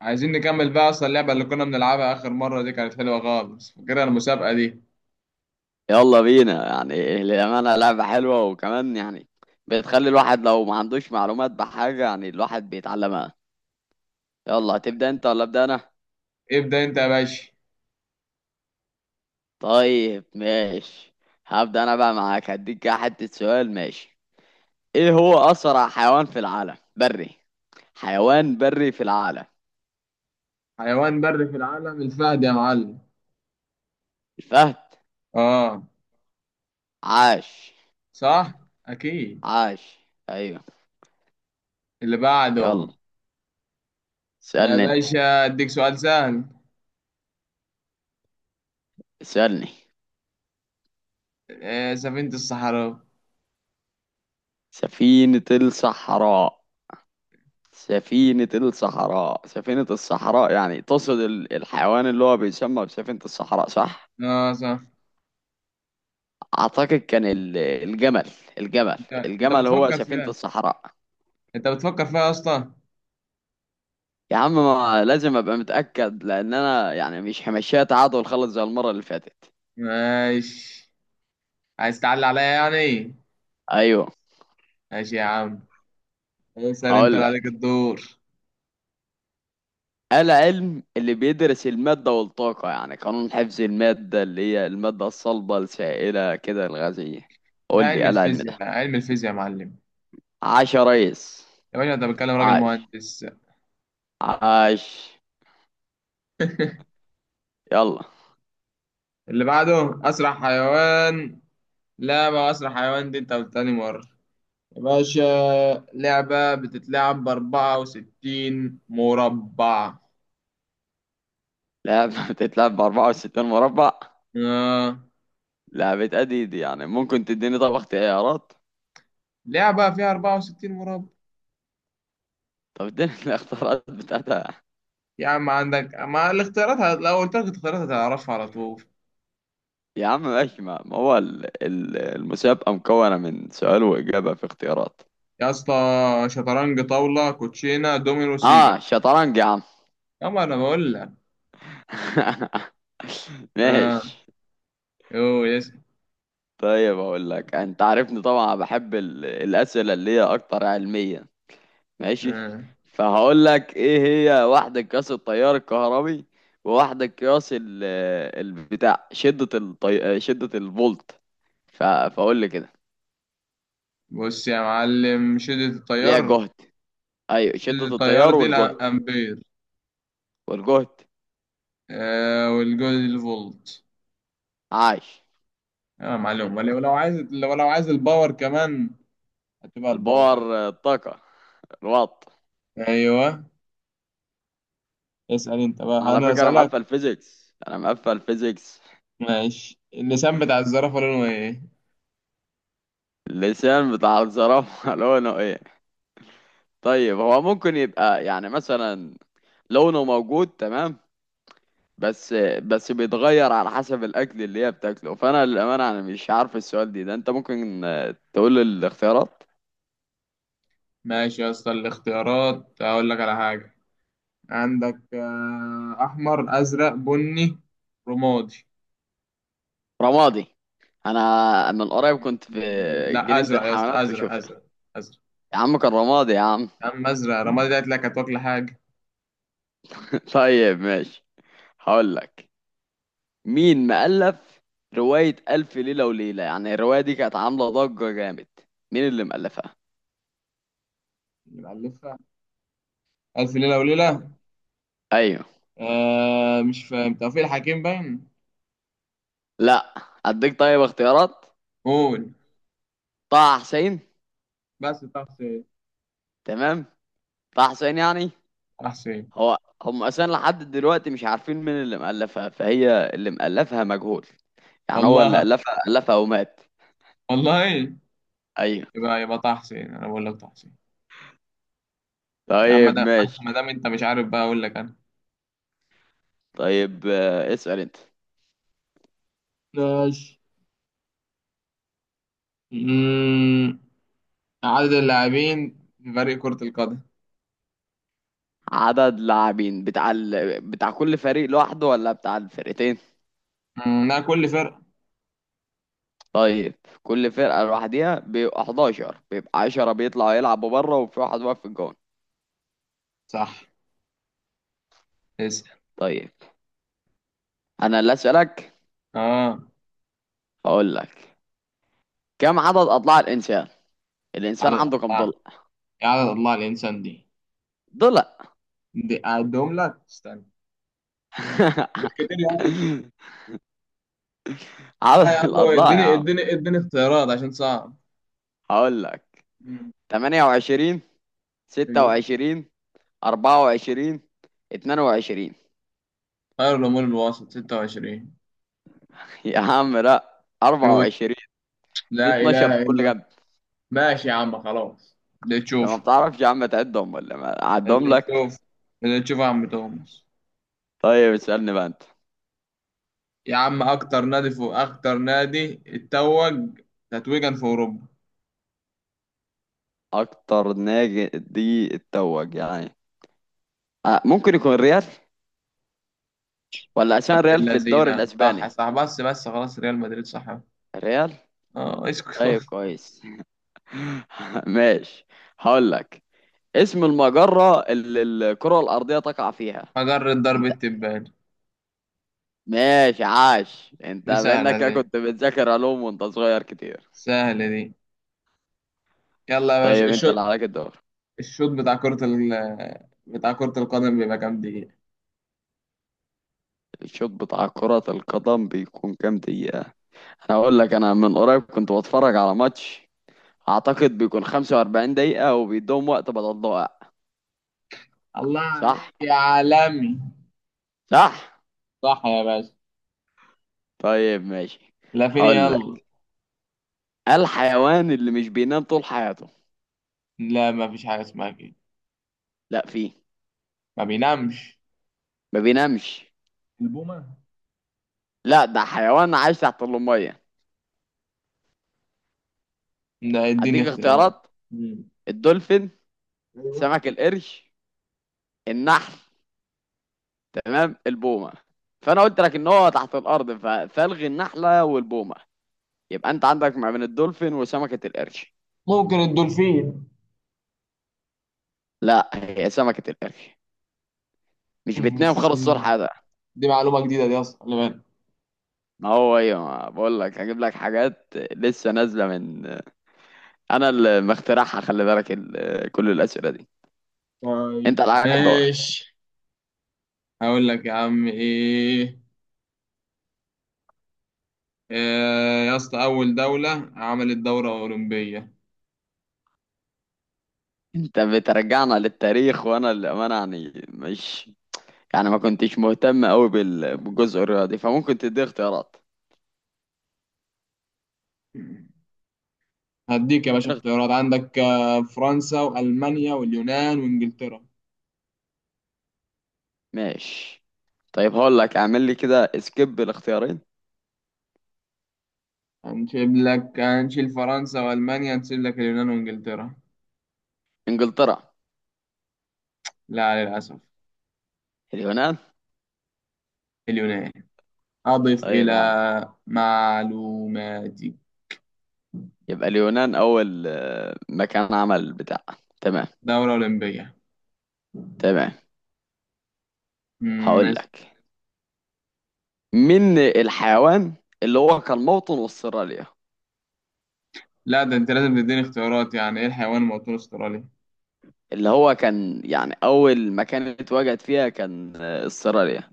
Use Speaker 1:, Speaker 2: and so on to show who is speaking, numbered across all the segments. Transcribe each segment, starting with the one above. Speaker 1: عايزين نكمل بقى اصلا اللعبة اللي كنا بنلعبها اخر مرة، دي كانت حلوة خالص، فاكرها المسابقة دي.
Speaker 2: يلا بينا، يعني للأمانة لعبة حلوة. وكمان يعني بتخلي الواحد لو ما عندوش معلومات بحاجة، يعني الواحد بيتعلمها. يلا، هتبدأ انت ولا أبدأ أنا؟
Speaker 1: ابدأ انت يا باشا.
Speaker 2: طيب ماشي. هبدأ أنا بقى معاك، هديك كده حتة سؤال. ماشي، ايه هو أسرع حيوان في العالم؟ بري. حيوان بري في العالم.
Speaker 1: حيوان بري في العالم، الفهد يا معلم.
Speaker 2: الفهد.
Speaker 1: اه،
Speaker 2: عاش.
Speaker 1: صح. اكيد.
Speaker 2: عاش. أيوه.
Speaker 1: اللي
Speaker 2: يلا،
Speaker 1: بعده. يا
Speaker 2: اسألني انت.
Speaker 1: باشا اديك سؤال سهل.
Speaker 2: اسألني.
Speaker 1: آه، سفينة الصحراء.
Speaker 2: سفينة الصحراء. سفينة الصحراء. سفينة الصحراء يعني تقصد الحيوان اللي هو بيسمى بسفينة الصحراء، صح؟
Speaker 1: اه، صح.
Speaker 2: أعتقد كان الجمل. الجمل.
Speaker 1: انت انت
Speaker 2: الجمل هو
Speaker 1: بتفكر
Speaker 2: سفينة
Speaker 1: فيها.
Speaker 2: الصحراء.
Speaker 1: انت بتفكر فيها يا اسطى.
Speaker 2: يا عم، ما لازم أبقى متأكد، لأن أنا يعني مش همشيها تعادل خالص زي المرة اللي فاتت.
Speaker 1: ماشي. عايز تعلي عليا يعني.
Speaker 2: أيوه.
Speaker 1: ماشي يا عم. اسأل، انت
Speaker 2: هقول
Speaker 1: اللي عليك
Speaker 2: لك،
Speaker 1: الدور.
Speaker 2: العلم اللي بيدرس المادة والطاقة، يعني قانون حفظ المادة اللي هي المادة الصلبة السائلة كده الغازية،
Speaker 1: ده
Speaker 2: قول لي
Speaker 1: علم
Speaker 2: إيه العلم ده.
Speaker 1: الفيزياء، علم الفيزياء يا معلم.
Speaker 2: عاش يا ريس.
Speaker 1: يا باشا انت بتكلم راجل
Speaker 2: عاش.
Speaker 1: مهندس.
Speaker 2: عاش. يلا.
Speaker 1: اللي بعده، اسرع حيوان. لعبة اسرع حيوان دي انت تاني مرة، يا باشا. لعبة بتتلعب ب64 مربع.
Speaker 2: لعبة بتتلعب ب 64 مربع.
Speaker 1: آه.
Speaker 2: لعبة أديد، يعني ممكن تديني طب اختيارات.
Speaker 1: لعبة فيها 64 مربع.
Speaker 2: طب اديني الاختيارات بتاعتها.
Speaker 1: يا عم عندك، ما الاختيارات لو قلت لك الاختيارات هتعرفها على طول.
Speaker 2: يا عم ماشي، ما هو المسابقة مكونة من سؤال وإجابة في اختيارات.
Speaker 1: يا اسطى، شطرنج، طاولة، كوتشينة، دومينو، سيجا.
Speaker 2: اه شطرنج يا عم.
Speaker 1: يا ما انا بقول لك. اه.
Speaker 2: ماشي.
Speaker 1: يو يس.
Speaker 2: طيب اقول لك، انت عارفني طبعا بحب الاسئله اللي هي اكتر علميا. ماشي.
Speaker 1: آه.
Speaker 2: فهقول لك، ايه هي واحدة قياس التيار الكهربي، وواحدة قياس ال البتاع شدة شدة الفولت. فاقول لي كده.
Speaker 1: بص يا معلم، شدة
Speaker 2: ليها
Speaker 1: التيار.
Speaker 2: جهد. ايوه، شدة
Speaker 1: التيار
Speaker 2: التيار
Speaker 1: دي
Speaker 2: والجهد.
Speaker 1: الامبير.
Speaker 2: والجهد.
Speaker 1: آه، والجول الفولت.
Speaker 2: عاش.
Speaker 1: اه معلوم، ولو لو عايز لو عايز الباور كمان. هتبقى الباور عادي.
Speaker 2: الباور الطاقة. الوات.
Speaker 1: ايوه. اسال انت بقى،
Speaker 2: على
Speaker 1: انا
Speaker 2: فكرة انا
Speaker 1: اسالك.
Speaker 2: مقفل فيزيكس، انا مقفل فيزيكس.
Speaker 1: ماشي، اللسان بتاع الزرافه لونه ايه؟
Speaker 2: اللسان بتاع الزرافة لونه ايه؟ طيب هو ممكن يبقى يعني مثلا لونه موجود. تمام. بس بس بيتغير على حسب الاكل اللي هي بتاكله. فانا للامانه انا مش عارف السؤال دي ده، انت ممكن تقول الاختيارات.
Speaker 1: ماشي يا اسطى، الاختيارات اقول لك على حاجه. عندك احمر، ازرق، بني، رمادي.
Speaker 2: رمادي. انا من قريب كنت في
Speaker 1: لا،
Speaker 2: جنينه
Speaker 1: ازرق يا اسطى،
Speaker 2: الحيوانات
Speaker 1: ازرق
Speaker 2: وشفتها.
Speaker 1: ازرق. ازرق.
Speaker 2: يا عم كان رمادي يا عم.
Speaker 1: يا عم، ازرق رمادي ده قلت لك، هتاكل حاجه.
Speaker 2: طيب ماشي. هقول لك، مين مؤلف روايه الف ليله وليله؟ يعني الروايه دي كانت عامله ضجه جامد، مين اللي مؤلفها؟
Speaker 1: يبقى ألفها. الف ليله وليله.
Speaker 2: ايوه.
Speaker 1: آه، مش فاهم، توفيق الحكيم باين.
Speaker 2: لا. اديك طيب اختيارات.
Speaker 1: قول.
Speaker 2: طه حسين.
Speaker 1: بس طه حسين.
Speaker 2: تمام، طه حسين يعني
Speaker 1: طه حسين.
Speaker 2: هو. هم اصلا لحد دلوقتي مش عارفين مين اللي مألفها، فهي اللي مألفها مجهول. يعني هو اللي
Speaker 1: والله.
Speaker 2: ألفها ألفها ومات.
Speaker 1: والله.
Speaker 2: ايوه.
Speaker 1: يبقى طه حسين، انا بقول لك طه حسين. يا عم، ما
Speaker 2: طيب
Speaker 1: دام
Speaker 2: ماشي.
Speaker 1: ما دام انت مش عارف بقى، اقول لك انا.
Speaker 2: طيب اسأل انت.
Speaker 1: ماشي. أمم، عدد اللاعبين في فريق كرة القدم؟
Speaker 2: عدد لاعبين بتاع بتاع كل فريق لوحده ولا بتاع الفرقتين؟
Speaker 1: لا، كل فرقة.
Speaker 2: طيب، كل فرقة لوحدها بيبقى 11، بيبقى 10 بيطلعوا يلعبوا بره وفي واحد واقف في الجون.
Speaker 1: صح. اسأل.
Speaker 2: طيب. انا اللي اسألك.
Speaker 1: اه.
Speaker 2: هقول لك، كم عدد اضلاع الانسان؟ الانسان
Speaker 1: عدد
Speaker 2: عنده كم
Speaker 1: اضلاع،
Speaker 2: ضلع؟
Speaker 1: يا عدد اضلاع الانسان دي
Speaker 2: ضلع.
Speaker 1: دي اعدهم لك استنى. مش كتير يا عم.
Speaker 2: عدد
Speaker 1: لا يا عم،
Speaker 2: الأضلاع يا
Speaker 1: اديني
Speaker 2: عم.
Speaker 1: اديني اديني اختيارات عشان صعب.
Speaker 2: هقول لك، 28،
Speaker 1: أمم،
Speaker 2: 26، 24، 22.
Speaker 1: خير الأمور الوسط 26.
Speaker 2: يا عم لا،
Speaker 1: ميوت.
Speaker 2: 24. في
Speaker 1: لا
Speaker 2: 12 في
Speaker 1: إله
Speaker 2: كل
Speaker 1: إلا.
Speaker 2: جنب.
Speaker 1: ماشي يا عم، خلاص. اللي
Speaker 2: انت ما
Speaker 1: تشوف.
Speaker 2: بتعرفش يا عم تعدهم ولا ما اعدهم
Speaker 1: اللي
Speaker 2: لك؟
Speaker 1: تشوف. اللي تشوف يا عم توماس.
Speaker 2: طيب اسألني بقى انت.
Speaker 1: يا عم، أكتر نادي اتوج تتويجا في أوروبا؟
Speaker 2: اكتر نادي دي اتوج يعني. آه، ممكن يكون ريال، ولا عشان ريال في الدوري
Speaker 1: اللذينة،
Speaker 2: الاسباني.
Speaker 1: صح صح، بس بس خلاص، ريال مدريد. صح.
Speaker 2: ريال.
Speaker 1: اه، اسكت
Speaker 2: طيب
Speaker 1: خلاص.
Speaker 2: كويس. ماشي. هقول لك، اسم المجرة اللي الكرة الأرضية تقع فيها.
Speaker 1: مجرة ضرب التبان.
Speaker 2: ماشي. عاش، انت
Speaker 1: دي سهلة
Speaker 2: منك
Speaker 1: دي.
Speaker 2: كنت بتذاكر علوم وانت صغير كتير.
Speaker 1: سهلة دي. يلا يا باشا،
Speaker 2: طيب انت اللي
Speaker 1: الشوط.
Speaker 2: عليك الدور.
Speaker 1: الشوط بتاع كرة القدم بيبقى كام دقيقة؟
Speaker 2: الشوط بتاع كرة القدم بيكون كام دقيقة؟ انا اقول لك، انا من قريب كنت بتفرج على ماتش. اعتقد بيكون 45 دقيقة وبيدوم وقت بدل ضائع.
Speaker 1: الله
Speaker 2: صح.
Speaker 1: عليك يا عالمي.
Speaker 2: صح.
Speaker 1: صح يا باشا.
Speaker 2: طيب ماشي.
Speaker 1: لا، فين،
Speaker 2: هقول
Speaker 1: يلا.
Speaker 2: لك، الحيوان اللي مش بينام طول حياته.
Speaker 1: لا ما فيش حاجة اسمها كده.
Speaker 2: لا فيه.
Speaker 1: ما بينامش؟
Speaker 2: ما بينامش.
Speaker 1: البومة.
Speaker 2: لا، ده حيوان عايش تحت المية.
Speaker 1: لا، اديني
Speaker 2: اديك
Speaker 1: اختيارات.
Speaker 2: اختيارات.
Speaker 1: مم.
Speaker 2: الدولفين.
Speaker 1: ايوه.
Speaker 2: سمك القرش. النحل. تمام، البومه فانا قلت لك ان هو تحت الارض فالغي النحله والبومه. يبقى انت عندك ما بين الدولفين وسمكه القرش.
Speaker 1: ممكن الدولفين.
Speaker 2: لا، هي سمكه القرش مش بتنام خالص، صور
Speaker 1: السين.
Speaker 2: حدا.
Speaker 1: دي معلومة جديدة دي اصلا، خلي بالك.
Speaker 2: ما هو ايه، ما بقول لك هجيب لك حاجات لسه نازله من انا اللي مخترعها، خلي بالك كل الاسئله دي. انت
Speaker 1: طيب
Speaker 2: اللي عليك الدور.
Speaker 1: ماشي. هقول لك يا عم ايه، يا اسطى اول دولة عملت دورة اولمبية.
Speaker 2: انت بترجعنا للتاريخ، وانا للامانه يعني مش يعني ما كنتش مهتم قوي بالجزء الرياضي، فممكن تدي اختيارات.
Speaker 1: هديك يا باشا
Speaker 2: اديني اخت-
Speaker 1: اختيارات، عندك فرنسا والمانيا واليونان وانجلترا.
Speaker 2: ماشي. طيب هقول لك، اعمل لي كده سكيب الاختيارين.
Speaker 1: هنشيل لك، هنشيل فرنسا والمانيا، هنسيب لك اليونان وانجلترا.
Speaker 2: انجلترا.
Speaker 1: لا، للأسف.
Speaker 2: اليونان.
Speaker 1: اليونان. أضف
Speaker 2: طيب
Speaker 1: إلى
Speaker 2: يا عم.
Speaker 1: معلوماتي،
Speaker 2: يبقى اليونان اول مكان عمل بتاع. تمام.
Speaker 1: دورة أولمبية.
Speaker 2: تمام. هقول
Speaker 1: ماشي.
Speaker 2: لك، من الحيوان اللي هو كان موطن استراليا؟
Speaker 1: لا، ده أنت لازم تديني اختيارات، يعني إيه الحيوان الموطن الأسترالي؟
Speaker 2: اللي هو كان يعني اول مكان اتواجد فيها كان استراليا.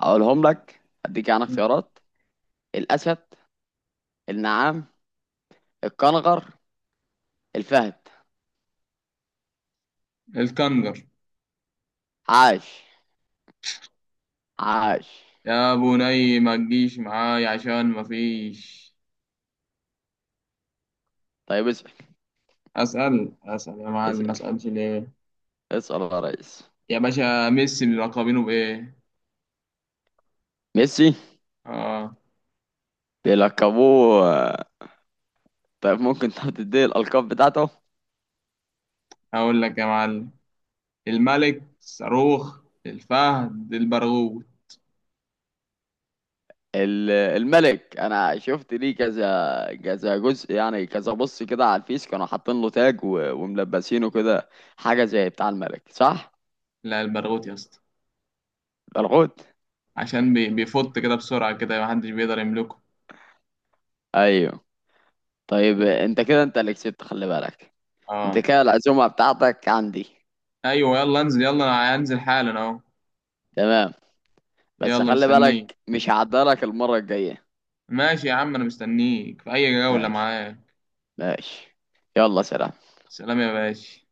Speaker 2: اقولهم لك، اديك يعني
Speaker 1: مم.
Speaker 2: اختيارات. الاسد. النعام. الكنغر. الفهد.
Speaker 1: الكنجر.
Speaker 2: عاش. عاش.
Speaker 1: يا بني ما تجيش معاي عشان ما فيش.
Speaker 2: طيب اسال.
Speaker 1: أسأل أسأل يا معلم، ما
Speaker 2: اسال.
Speaker 1: أسألش ليه.
Speaker 2: اسال يا ريس.
Speaker 1: يا باشا، ميسي بيلقبينه بإيه؟
Speaker 2: ميسي
Speaker 1: آه.
Speaker 2: بيلقبوه. طيب ممكن تحط دي الألقاب بتاعته.
Speaker 1: هقول لك يا معلم، الملك، الصاروخ، الفهد، البرغوث.
Speaker 2: الملك، أنا شفت ليه كذا كذا جزء يعني، كذا بص كده على الفيس كانوا حاطين له تاج وملبسينه كده، حاجة زي بتاع الملك، صح؟
Speaker 1: لا، البرغوث يا اسطى.
Speaker 2: الحوت.
Speaker 1: عشان بيفط كده بسرعة، كده محدش بيقدر يملكه.
Speaker 2: أيوه. طيب
Speaker 1: بس-
Speaker 2: أنت كده أنت اللي كسبت خلي بالك. أنت
Speaker 1: اه.
Speaker 2: كده العزومة بتاعتك عندي.
Speaker 1: ايوه، يلا انزل، يلا انا هنزل حالا اهو.
Speaker 2: تمام. بس
Speaker 1: يلا
Speaker 2: خلي
Speaker 1: مستنيك.
Speaker 2: بالك مش هعدلك المرة الجاية.
Speaker 1: ماشي يا عم، انا مستنيك في اي جولة
Speaker 2: ماشي.
Speaker 1: معاك.
Speaker 2: ماشي. يلا سلام.
Speaker 1: سلام يا باشا.